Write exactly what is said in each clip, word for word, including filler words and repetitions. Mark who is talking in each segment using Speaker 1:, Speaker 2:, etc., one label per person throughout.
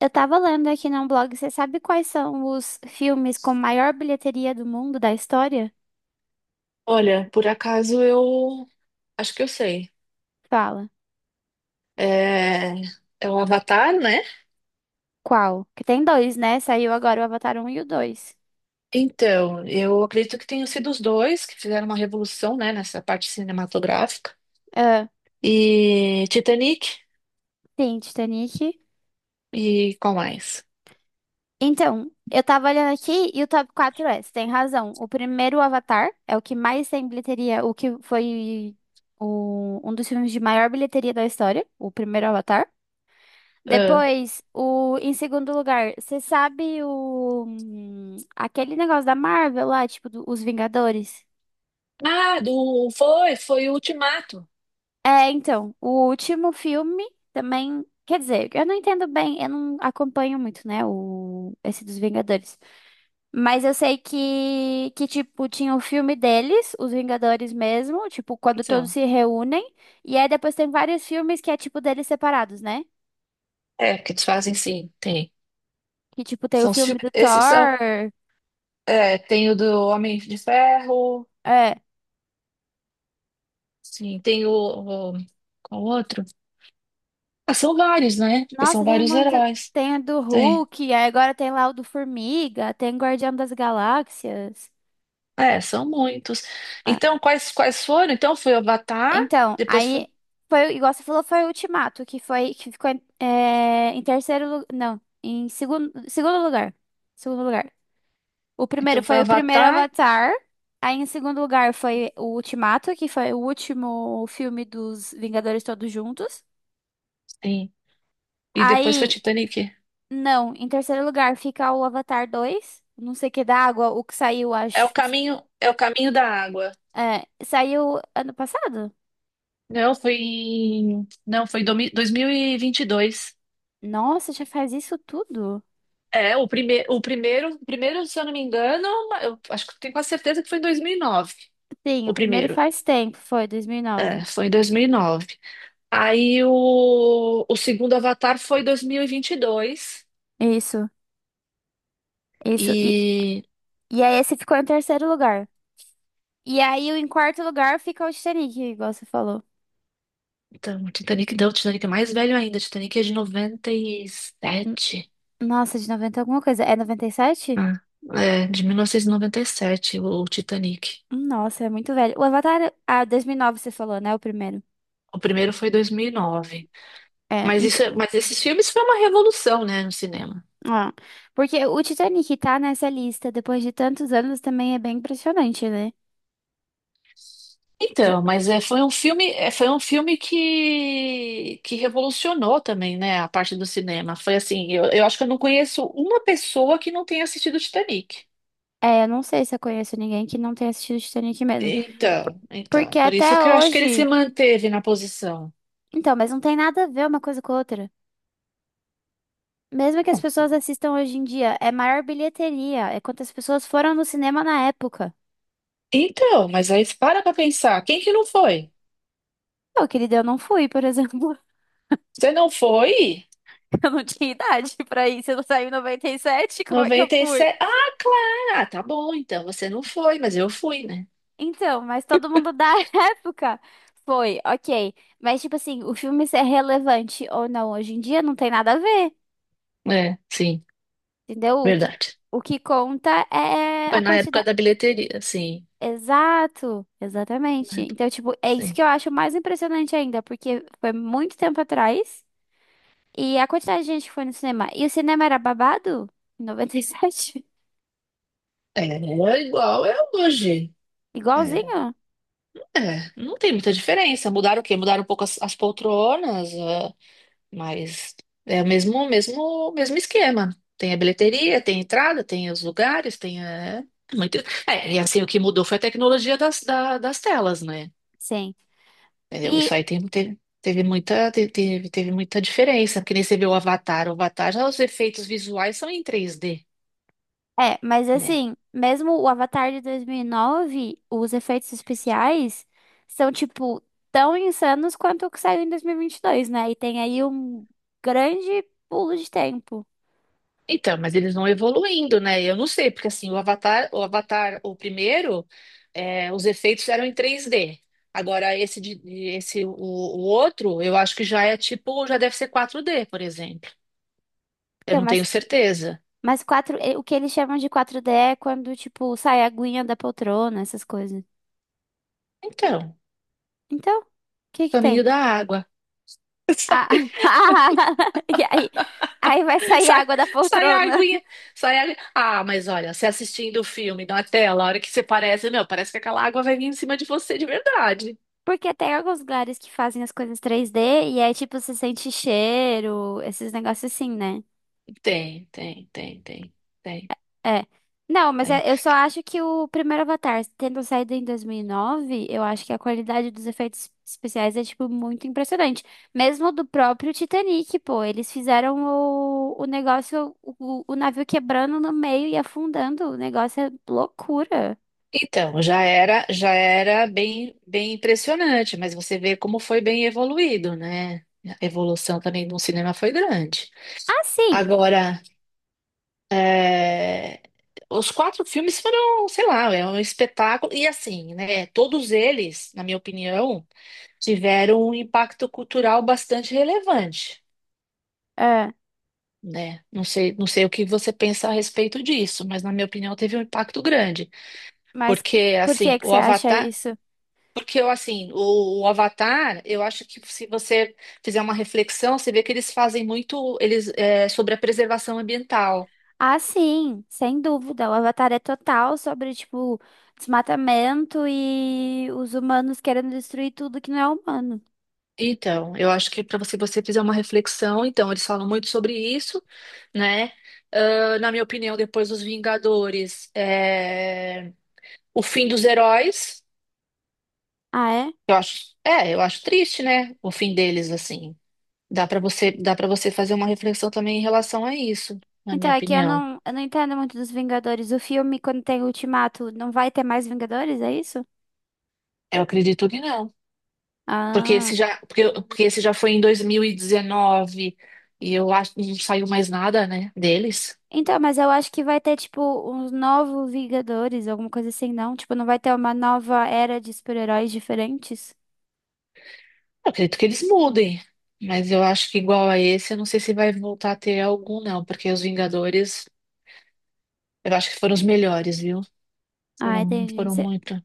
Speaker 1: Eu tava lendo aqui num blog, você sabe quais são os filmes com maior bilheteria do mundo da história?
Speaker 2: Olha, por acaso eu acho que eu sei.
Speaker 1: Fala.
Speaker 2: É, é o Avatar, né?
Speaker 1: Qual? Que tem dois, né? Saiu agora o Avatar um e o dois.
Speaker 2: Então, eu acredito que tenham sido os dois que fizeram uma revolução, né, nessa parte cinematográfica.
Speaker 1: Ah,
Speaker 2: E Titanic
Speaker 1: sim, Titanic.
Speaker 2: e qual mais?
Speaker 1: Então, eu tava olhando aqui e o top quatro é, você tem razão. O primeiro, o Avatar, é o que mais tem bilheteria, o que foi o- um dos filmes de maior bilheteria da história, o primeiro Avatar.
Speaker 2: Ah,
Speaker 1: Depois, o, em segundo lugar, você sabe o, hum, aquele negócio da Marvel lá, tipo, do- os Vingadores?
Speaker 2: ah, do foi, foi o Ultimato.
Speaker 1: É, então, o último filme também, quer dizer, eu não entendo bem, eu não acompanho muito, né, o, esse dos Vingadores. Mas eu sei que, que, tipo, tinha o filme deles, os Vingadores mesmo, tipo, quando todos
Speaker 2: São.
Speaker 1: se reúnem. E aí depois tem vários filmes que é, tipo, deles separados, né?
Speaker 2: É, que eles fazem sim, tem.
Speaker 1: Que, tipo, tem o
Speaker 2: São os
Speaker 1: filme
Speaker 2: filmes-
Speaker 1: do
Speaker 2: esses são,
Speaker 1: Thor.
Speaker 2: é, tem o do Homem de Ferro,
Speaker 1: É.
Speaker 2: sim, tem o, o qual outro? Ah, são vários, né? Porque são
Speaker 1: Nossa, tem
Speaker 2: vários
Speaker 1: muito.
Speaker 2: heróis.
Speaker 1: Tem o do Hulk, aí agora tem lá o do Formiga, tem Guardião das Galáxias.
Speaker 2: É, são muitos.
Speaker 1: Ah,
Speaker 2: Então, quais, quais foram? Então, foi Avatar,
Speaker 1: então,
Speaker 2: depois foi.
Speaker 1: aí foi, igual você falou, foi o Ultimato, que foi, que ficou em, é, em terceiro lugar. Não, em segundo, segundo lugar. Segundo lugar. O
Speaker 2: Então,
Speaker 1: primeiro
Speaker 2: foi
Speaker 1: foi o primeiro
Speaker 2: Avatar,
Speaker 1: Avatar. Aí em segundo lugar foi o Ultimato, que foi o último filme dos Vingadores Todos Juntos.
Speaker 2: sim. E depois foi
Speaker 1: Aí,
Speaker 2: Titanic.
Speaker 1: não, em terceiro lugar fica o Avatar dois. Não sei o que da água, o que saiu,
Speaker 2: É o
Speaker 1: acho.
Speaker 2: caminho, é o caminho da água.
Speaker 1: É, saiu ano passado?
Speaker 2: Não, foi. em- Não, foi em domi- dois mil e vinte e dois.
Speaker 1: Nossa, já faz isso tudo?
Speaker 2: É, o, prime... o primeiro, o primeiro, se eu não me engano, eu acho que tenho quase certeza que foi em dois mil e nove.
Speaker 1: Sim,
Speaker 2: O
Speaker 1: o primeiro
Speaker 2: primeiro.
Speaker 1: faz tempo, foi
Speaker 2: É,
Speaker 1: dois mil e nove.
Speaker 2: foi em dois mil e nove. Aí o, o segundo Avatar foi em dois mil e vinte e dois.
Speaker 1: Isso, isso. E,
Speaker 2: E
Speaker 1: e aí esse ficou em terceiro lugar. E aí o- em quarto lugar fica o Titanic, igual você falou.
Speaker 2: Então, o Titanic deu, o Titanic é mais velho ainda. O Titanic é de
Speaker 1: N-
Speaker 2: noventa e sete.
Speaker 1: Nossa, de noventa alguma coisa. É noventa e sete?
Speaker 2: Ah, é, de mil novecentos e e noventa e sete, o Titanic.
Speaker 1: Nossa, é muito velho. O Avatar, ah, dois mil e nove você falou, né? O primeiro.
Speaker 2: O primeiro foi dois mil e nove.
Speaker 1: É,
Speaker 2: Mas
Speaker 1: ent-
Speaker 2: isso, é- mas esses filmes foi uma revolução, né, no cinema.
Speaker 1: ah, Porque o Titanic tá nessa lista depois de tantos anos também é bem impressionante, né? De-
Speaker 2: Então, mas é, foi um filme, é, foi um filme que, que revolucionou também, né, a parte do cinema. Foi assim, eu, eu acho que eu não conheço uma pessoa que não tenha assistido Titanic.
Speaker 1: É, eu não sei se eu conheço ninguém que não tenha assistido Titanic mesmo.
Speaker 2: Então,
Speaker 1: Porque
Speaker 2: então, por isso
Speaker 1: até
Speaker 2: que eu acho que ele se
Speaker 1: hoje.
Speaker 2: manteve na posição.
Speaker 1: Então, mas não tem nada a ver uma coisa com a outra. Mesmo que as pessoas assistam hoje em dia, é maior bilheteria. É quantas pessoas foram no cinema na época.
Speaker 2: Então, mas aí para pra pensar, quem que não foi?
Speaker 1: Eu, querida, eu não fui, por exemplo.
Speaker 2: Você não foi?
Speaker 1: Eu não tinha idade pra ir. Se eu não saí em noventa e sete como é que eu fui?
Speaker 2: noventa e sete. Ah, claro. Ah, tá bom, então você não foi, mas eu fui, né?
Speaker 1: Então, mas todo mundo da época foi, ok. Mas, tipo assim, o filme ser relevante ou não hoje em dia não tem nada a ver.
Speaker 2: É, sim,
Speaker 1: Entendeu? O que,
Speaker 2: verdade.
Speaker 1: o que conta é
Speaker 2: Foi
Speaker 1: a
Speaker 2: na época
Speaker 1: quantidade.
Speaker 2: da bilheteria, sim.
Speaker 1: Exato,
Speaker 2: Na
Speaker 1: exatamente.
Speaker 2: época.
Speaker 1: Então, tipo, é isso que
Speaker 2: Sim.
Speaker 1: eu acho mais impressionante ainda, porque foi muito tempo atrás e a quantidade de gente que foi no cinema. E o cinema era babado? Em noventa e sete.
Speaker 2: É, é igual é hoje. É,
Speaker 1: Igualzinho?
Speaker 2: é, não tem muita diferença. Mudaram o quê? Mudaram um pouco as, as poltronas. Mas é o mesmo, mesmo, mesmo esquema. Tem a bilheteria, tem a entrada, tem os lugares, tem a... é, muito. É, e assim, o que mudou foi a tecnologia das, da- das telas, né?
Speaker 1: Sim.
Speaker 2: Entendeu?
Speaker 1: E,
Speaker 2: Isso aí tem, teve, teve muita, te- teve, teve muita diferença, porque nem você vê o Avatar. O Avatar, já os efeitos visuais são em três d,
Speaker 1: É, mas
Speaker 2: né?
Speaker 1: assim, mesmo o Avatar de dois mil e nove os efeitos especiais são, tipo, tão insanos quanto o que saiu em dois mil e e vinte e dois, né? E tem aí um grande pulo de tempo.
Speaker 2: Então, mas eles vão evoluindo, né? Eu não sei, porque assim, o Avatar, o Avatar, o primeiro, é, os efeitos eram em três D. Agora, esse, de, de- esse o, o outro, eu acho que já é tipo, já deve ser quatro D, por exemplo. Eu
Speaker 1: Então,
Speaker 2: não tenho
Speaker 1: mas
Speaker 2: certeza.
Speaker 1: Mas quatro, eh, o que eles chamam de quatro d é quando, tipo, sai a aguinha da poltrona, essas coisas.
Speaker 2: Então,
Speaker 1: Então, o que que tem?
Speaker 2: caminho da água. Sai,
Speaker 1: Ah, e aí, aí vai sair
Speaker 2: sai,
Speaker 1: água da
Speaker 2: sai a
Speaker 1: poltrona.
Speaker 2: aguinha, sai a... Ah, mas olha, você assistindo o filme na tela, a hora que você parece, meu, parece que aquela água vai vir em cima de você de verdade.
Speaker 1: Porque tem alguns lugares que fazem as coisas três d e aí, tipo, você sente cheiro, esses negócios assim, né?
Speaker 2: Tem, tem, tem, tem, tem,
Speaker 1: É. Não, mas
Speaker 2: tem.
Speaker 1: é- eu só acho que o primeiro Avatar, tendo saído em dois mil e nove, eu acho que a qualidade dos efeitos especiais é, tipo, muito impressionante. Mesmo do próprio Titanic, pô. Eles fizeram o, o negócio, o, o navio quebrando no meio e afundando. O negócio é loucura.
Speaker 2: Então, já era, já era bem, bem impressionante, mas você vê como foi bem evoluído, né? A evolução também do cinema foi grande.
Speaker 1: Ah, sim.
Speaker 2: Agora, é, os quatro filmes foram, sei lá, é um espetáculo. E assim, né? Todos eles, na minha opinião, tiveram um impacto cultural bastante relevante,
Speaker 1: É,
Speaker 2: né? Não sei, não sei o que você pensa a respeito disso, mas na minha opinião teve um impacto grande.
Speaker 1: mas
Speaker 2: Porque,
Speaker 1: por que
Speaker 2: assim,
Speaker 1: que
Speaker 2: o
Speaker 1: você acha
Speaker 2: Avatar.
Speaker 1: isso?
Speaker 2: Porque eu, assim, o, o Avatar, eu acho que se você fizer uma reflexão, você vê que eles fazem muito eles, é, sobre a preservação ambiental.
Speaker 1: Ah, sim, sem dúvida. O Avatar é total sobre, tipo, desmatamento e os humanos querendo destruir tudo que não é humano.
Speaker 2: Então, eu acho que para você, você fizer uma reflexão, então, eles falam muito sobre isso, né? Ah, na minha opinião, depois dos Vingadores, é, o fim dos heróis,
Speaker 1: Ah, é?
Speaker 2: eu acho, é, eu acho triste, né? O fim deles, assim. Dá para você, dá para você fazer uma reflexão também em relação a isso, na
Speaker 1: Então,
Speaker 2: minha
Speaker 1: é que eu
Speaker 2: opinião.
Speaker 1: não, eu não entendo muito dos Vingadores. O filme, quando tem Ultimato, não vai ter mais Vingadores, é isso?
Speaker 2: Eu acredito que não. Porque
Speaker 1: Ah.
Speaker 2: esse já, porque, porque esse já foi em dois mil e dezenove e dezenove e eu acho que não saiu mais nada, né, deles.
Speaker 1: Então, mas eu acho que vai ter, tipo, uns novos Vingadores, alguma coisa assim, não? Tipo, não vai ter uma nova era de super-heróis diferentes?
Speaker 2: Eu acredito que eles mudem, mas eu acho que igual a esse, eu não sei se vai voltar a ter algum, não, porque os Vingadores, eu acho que foram os melhores, viu?
Speaker 1: Ah,
Speaker 2: Foram,
Speaker 1: entendi.
Speaker 2: foram
Speaker 1: Você
Speaker 2: muito.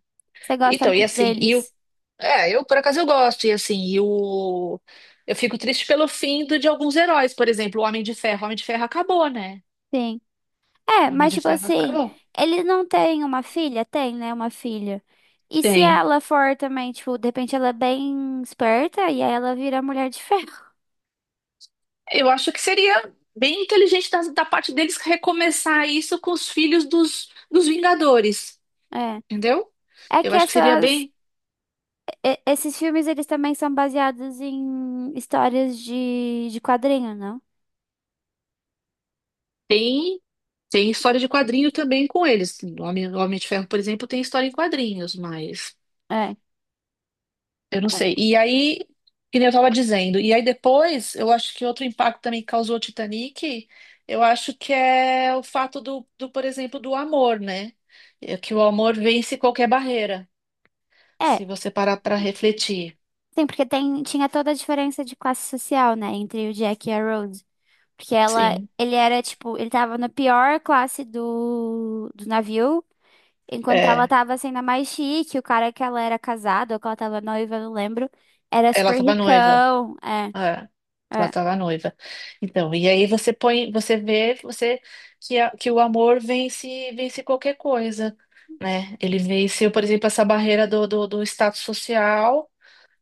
Speaker 1: gosta
Speaker 2: Então, e
Speaker 1: muito
Speaker 2: assim, e o,
Speaker 1: deles?
Speaker 2: é, eu por acaso eu gosto, e assim, e o, eu fico triste pelo fim do, de alguns heróis, por exemplo, o Homem de Ferro. O Homem de Ferro acabou, né?
Speaker 1: Sim.
Speaker 2: O
Speaker 1: É,
Speaker 2: Homem
Speaker 1: mas,
Speaker 2: de
Speaker 1: tipo
Speaker 2: Ferro
Speaker 1: assim,
Speaker 2: acabou.
Speaker 1: ele não tem uma filha? Tem, né? Uma filha. E se
Speaker 2: Tem.
Speaker 1: ela for também, tipo, de repente ela é bem esperta e aí ela vira Mulher de Ferro?
Speaker 2: Eu acho que seria bem inteligente da, da parte deles recomeçar isso com os filhos dos, dos Vingadores,
Speaker 1: É.
Speaker 2: entendeu?
Speaker 1: É
Speaker 2: Eu
Speaker 1: que
Speaker 2: acho que seria
Speaker 1: essas
Speaker 2: bem.
Speaker 1: E- esses filmes, eles também são baseados em histórias de, de quadrinho, não?
Speaker 2: Tem, tem história de quadrinho também com eles. O Homem, o Homem de Ferro, por exemplo, tem história em quadrinhos, mas
Speaker 1: É,
Speaker 2: eu não sei.
Speaker 1: é.
Speaker 2: E aí, que nem eu estava dizendo, e aí depois, eu acho que outro impacto também que causou o Titanic, eu acho que é o fato do, do, por exemplo, do amor, né? É que o amor vence qualquer barreira,
Speaker 1: É,
Speaker 2: se você parar para refletir.
Speaker 1: sim, porque tem, tinha toda a diferença de classe social, né, entre o Jack e a Rose. Porque ela,
Speaker 2: Sim.
Speaker 1: ele era, tipo, ele tava na pior classe do, do navio, enquanto ela
Speaker 2: É,
Speaker 1: tava sendo a mais chique, o cara que ela era casada, ou que ela tava noiva, eu não lembro, era
Speaker 2: ela
Speaker 1: super
Speaker 2: tava noiva.
Speaker 1: ricão. É,
Speaker 2: É, ela
Speaker 1: é,
Speaker 2: tava noiva. Então, e aí você põe, você vê, você que, a- que o amor vence, vence qualquer coisa, né? Ele venceu, por exemplo, essa barreira do, do, do status social.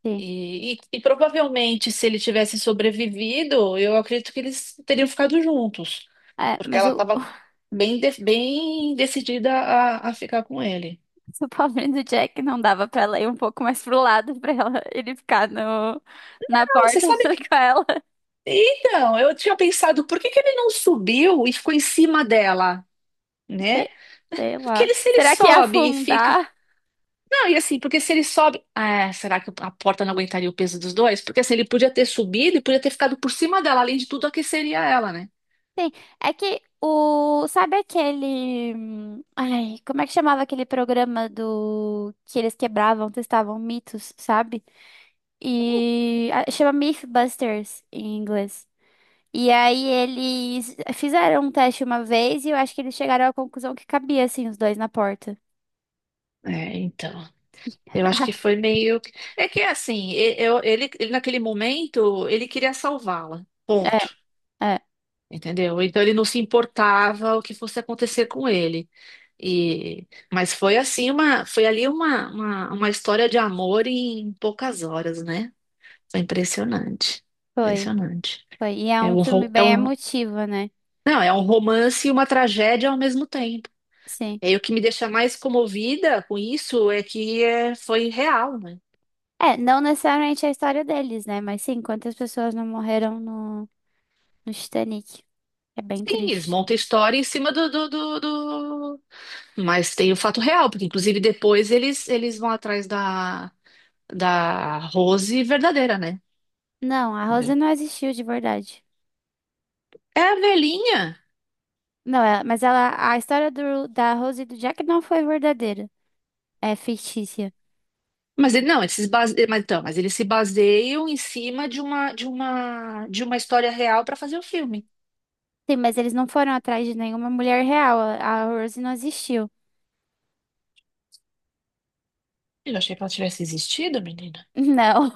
Speaker 1: sim.
Speaker 2: E, e, e provavelmente, se ele tivesse sobrevivido, eu acredito que eles teriam ficado juntos,
Speaker 1: É,
Speaker 2: porque
Speaker 1: mas
Speaker 2: ela
Speaker 1: o,
Speaker 2: estava bem, de- bem decidida a, a ficar com ele.
Speaker 1: Se o pobrinho do Jack não dava pra ela ir um pouco mais pro lado pra ela, ele ficar no, na
Speaker 2: Ah, você
Speaker 1: porta
Speaker 2: sabe.
Speaker 1: junto com ela.
Speaker 2: Então, eu tinha pensado, por que que ele não subiu e ficou em cima dela, né?
Speaker 1: Sei, sei
Speaker 2: Porque
Speaker 1: lá.
Speaker 2: ele, se ele
Speaker 1: Será que ia
Speaker 2: sobe e fica.
Speaker 1: afundar?
Speaker 2: Não, e assim, porque se ele sobe. Ah, será que a porta não aguentaria o peso dos dois? Porque assim, ele podia ter subido e podia ter ficado por cima dela. Além de tudo, aqueceria ela, né?
Speaker 1: Sim, é que o. Sabe aquele. hum, Ai, como é que chamava aquele programa do. Que eles quebravam, testavam mitos, sabe? E. ah, Chama Mythbusters em inglês. E aí eles fizeram um teste uma vez e eu acho que eles chegaram à conclusão que cabia, assim, os dois na porta.
Speaker 2: É, então. Eu acho que foi meio. É que assim, e- eu- ele, ele naquele momento, ele queria salvá-la. Ponto.
Speaker 1: É,
Speaker 2: Entendeu? Então ele não se importava o que fosse acontecer com ele. E mas foi assim uma, foi ali uma, uma, uma história de amor em poucas horas, né? Foi impressionante.
Speaker 1: foi,
Speaker 2: Impressionante.
Speaker 1: foi. E é
Speaker 2: É
Speaker 1: um
Speaker 2: um,
Speaker 1: filme
Speaker 2: ro- é
Speaker 1: bem
Speaker 2: um,
Speaker 1: emotivo, né?
Speaker 2: não, é um romance e uma tragédia ao mesmo tempo.
Speaker 1: Sim.
Speaker 2: E aí, o que me deixa mais comovida com isso é que é, foi real, né?
Speaker 1: É, não necessariamente a história deles, né? Mas sim, quantas pessoas não morreram no, no Titanic. É bem
Speaker 2: Sim, eles
Speaker 1: triste.
Speaker 2: montam a história em cima do, do, do, do- Mas tem o fato real, porque inclusive depois eles, eles vão atrás da, da Rose verdadeira, né?
Speaker 1: Não, a Rose
Speaker 2: Entendeu?
Speaker 1: não existiu de verdade.
Speaker 2: É a velhinha.
Speaker 1: Não, ela- Mas ela, a história do, da Rose e do Jack não foi verdadeira. É fictícia.
Speaker 2: Mas ele, não, eles se base... mas, então, mas eles se baseiam em cima de uma, de uma, de uma história real para fazer o filme.
Speaker 1: Sim, mas eles não foram atrás de nenhuma mulher real. A a Rose não existiu.
Speaker 2: Eu achei que ela tivesse existido, menina.
Speaker 1: Não.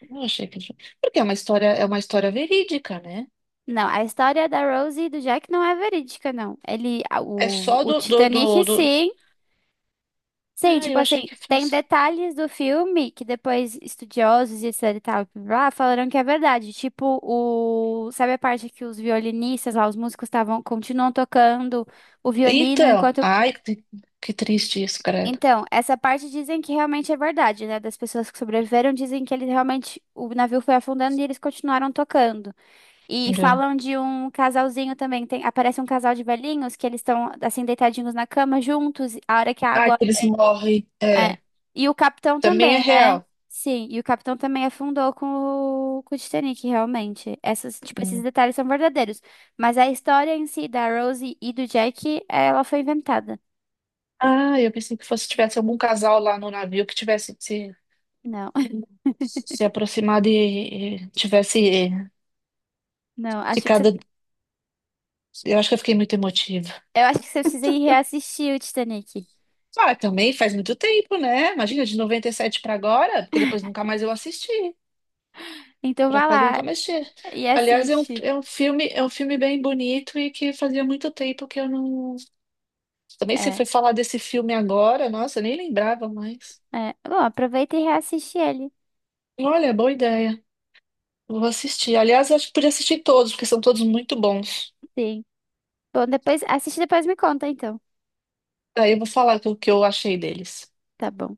Speaker 2: Eu achei que... Porque é uma história, é uma história verídica, né?
Speaker 1: Não, a história da Rose e do Jack não é verídica, não. Ele, a-
Speaker 2: É
Speaker 1: o,
Speaker 2: só
Speaker 1: o
Speaker 2: do, do,
Speaker 1: Titanic,
Speaker 2: do, do...
Speaker 1: sim. Sim,
Speaker 2: Ah,
Speaker 1: tipo
Speaker 2: eu
Speaker 1: assim,
Speaker 2: achei que
Speaker 1: tem
Speaker 2: fosse.
Speaker 1: detalhes do filme que depois estudiosos e etc e tal, blá, blá, falaram que é verdade. Tipo, o... sabe a parte que os violinistas lá, os músicos estavam, continuam tocando o violino
Speaker 2: Então,
Speaker 1: enquanto...
Speaker 2: ai, que que triste isso, credo.
Speaker 1: Então, essa parte dizem que realmente é verdade, né? Das pessoas que sobreviveram dizem que eles realmente, o navio foi afundando e eles continuaram tocando. E
Speaker 2: É.
Speaker 1: falam de um casalzinho também, tem, aparece um casal de velhinhos que eles estão assim deitadinhos na cama juntos, a hora que a
Speaker 2: Ai,
Speaker 1: água.
Speaker 2: que eles morrem.
Speaker 1: É.
Speaker 2: É,
Speaker 1: E o capitão
Speaker 2: também é
Speaker 1: também, né?
Speaker 2: real.
Speaker 1: Sim, e o capitão também afundou com o, com o Titanic, realmente. Essas, tipo, esses
Speaker 2: Hum.
Speaker 1: detalhes são verdadeiros. Mas a história em si da Rose e do Jack, ela foi inventada.
Speaker 2: Ah, eu pensei que fosse tivesse algum casal lá no navio que tivesse se,
Speaker 1: Não,
Speaker 2: se aproximado e, e tivesse é,
Speaker 1: não, acho que você,
Speaker 2: ficado. Eu acho que eu fiquei muito emotiva.
Speaker 1: eu acho que você precisa ir reassistir o Titanic.
Speaker 2: Ah, também faz muito tempo, né? Imagina, de noventa e sete para agora, porque depois nunca mais eu assisti.
Speaker 1: Então
Speaker 2: Por
Speaker 1: vá
Speaker 2: acaso eu
Speaker 1: lá
Speaker 2: nunca mais assisti.
Speaker 1: e
Speaker 2: Aliás, é um,
Speaker 1: assiste.
Speaker 2: é um filme, é um filme bem bonito e que fazia muito tempo que eu não. Também você
Speaker 1: É,
Speaker 2: foi falar desse filme agora, nossa, eu nem lembrava mais.
Speaker 1: é. Bom, aproveita e reassiste ele.
Speaker 2: Olha, boa ideia. Vou assistir. Aliás, eu acho que podia assistir todos, porque são todos muito bons.
Speaker 1: Sim. Bom, depois, assiste e depois me conta, então.
Speaker 2: Aí eu vou falar o que eu achei deles.
Speaker 1: Tá bom.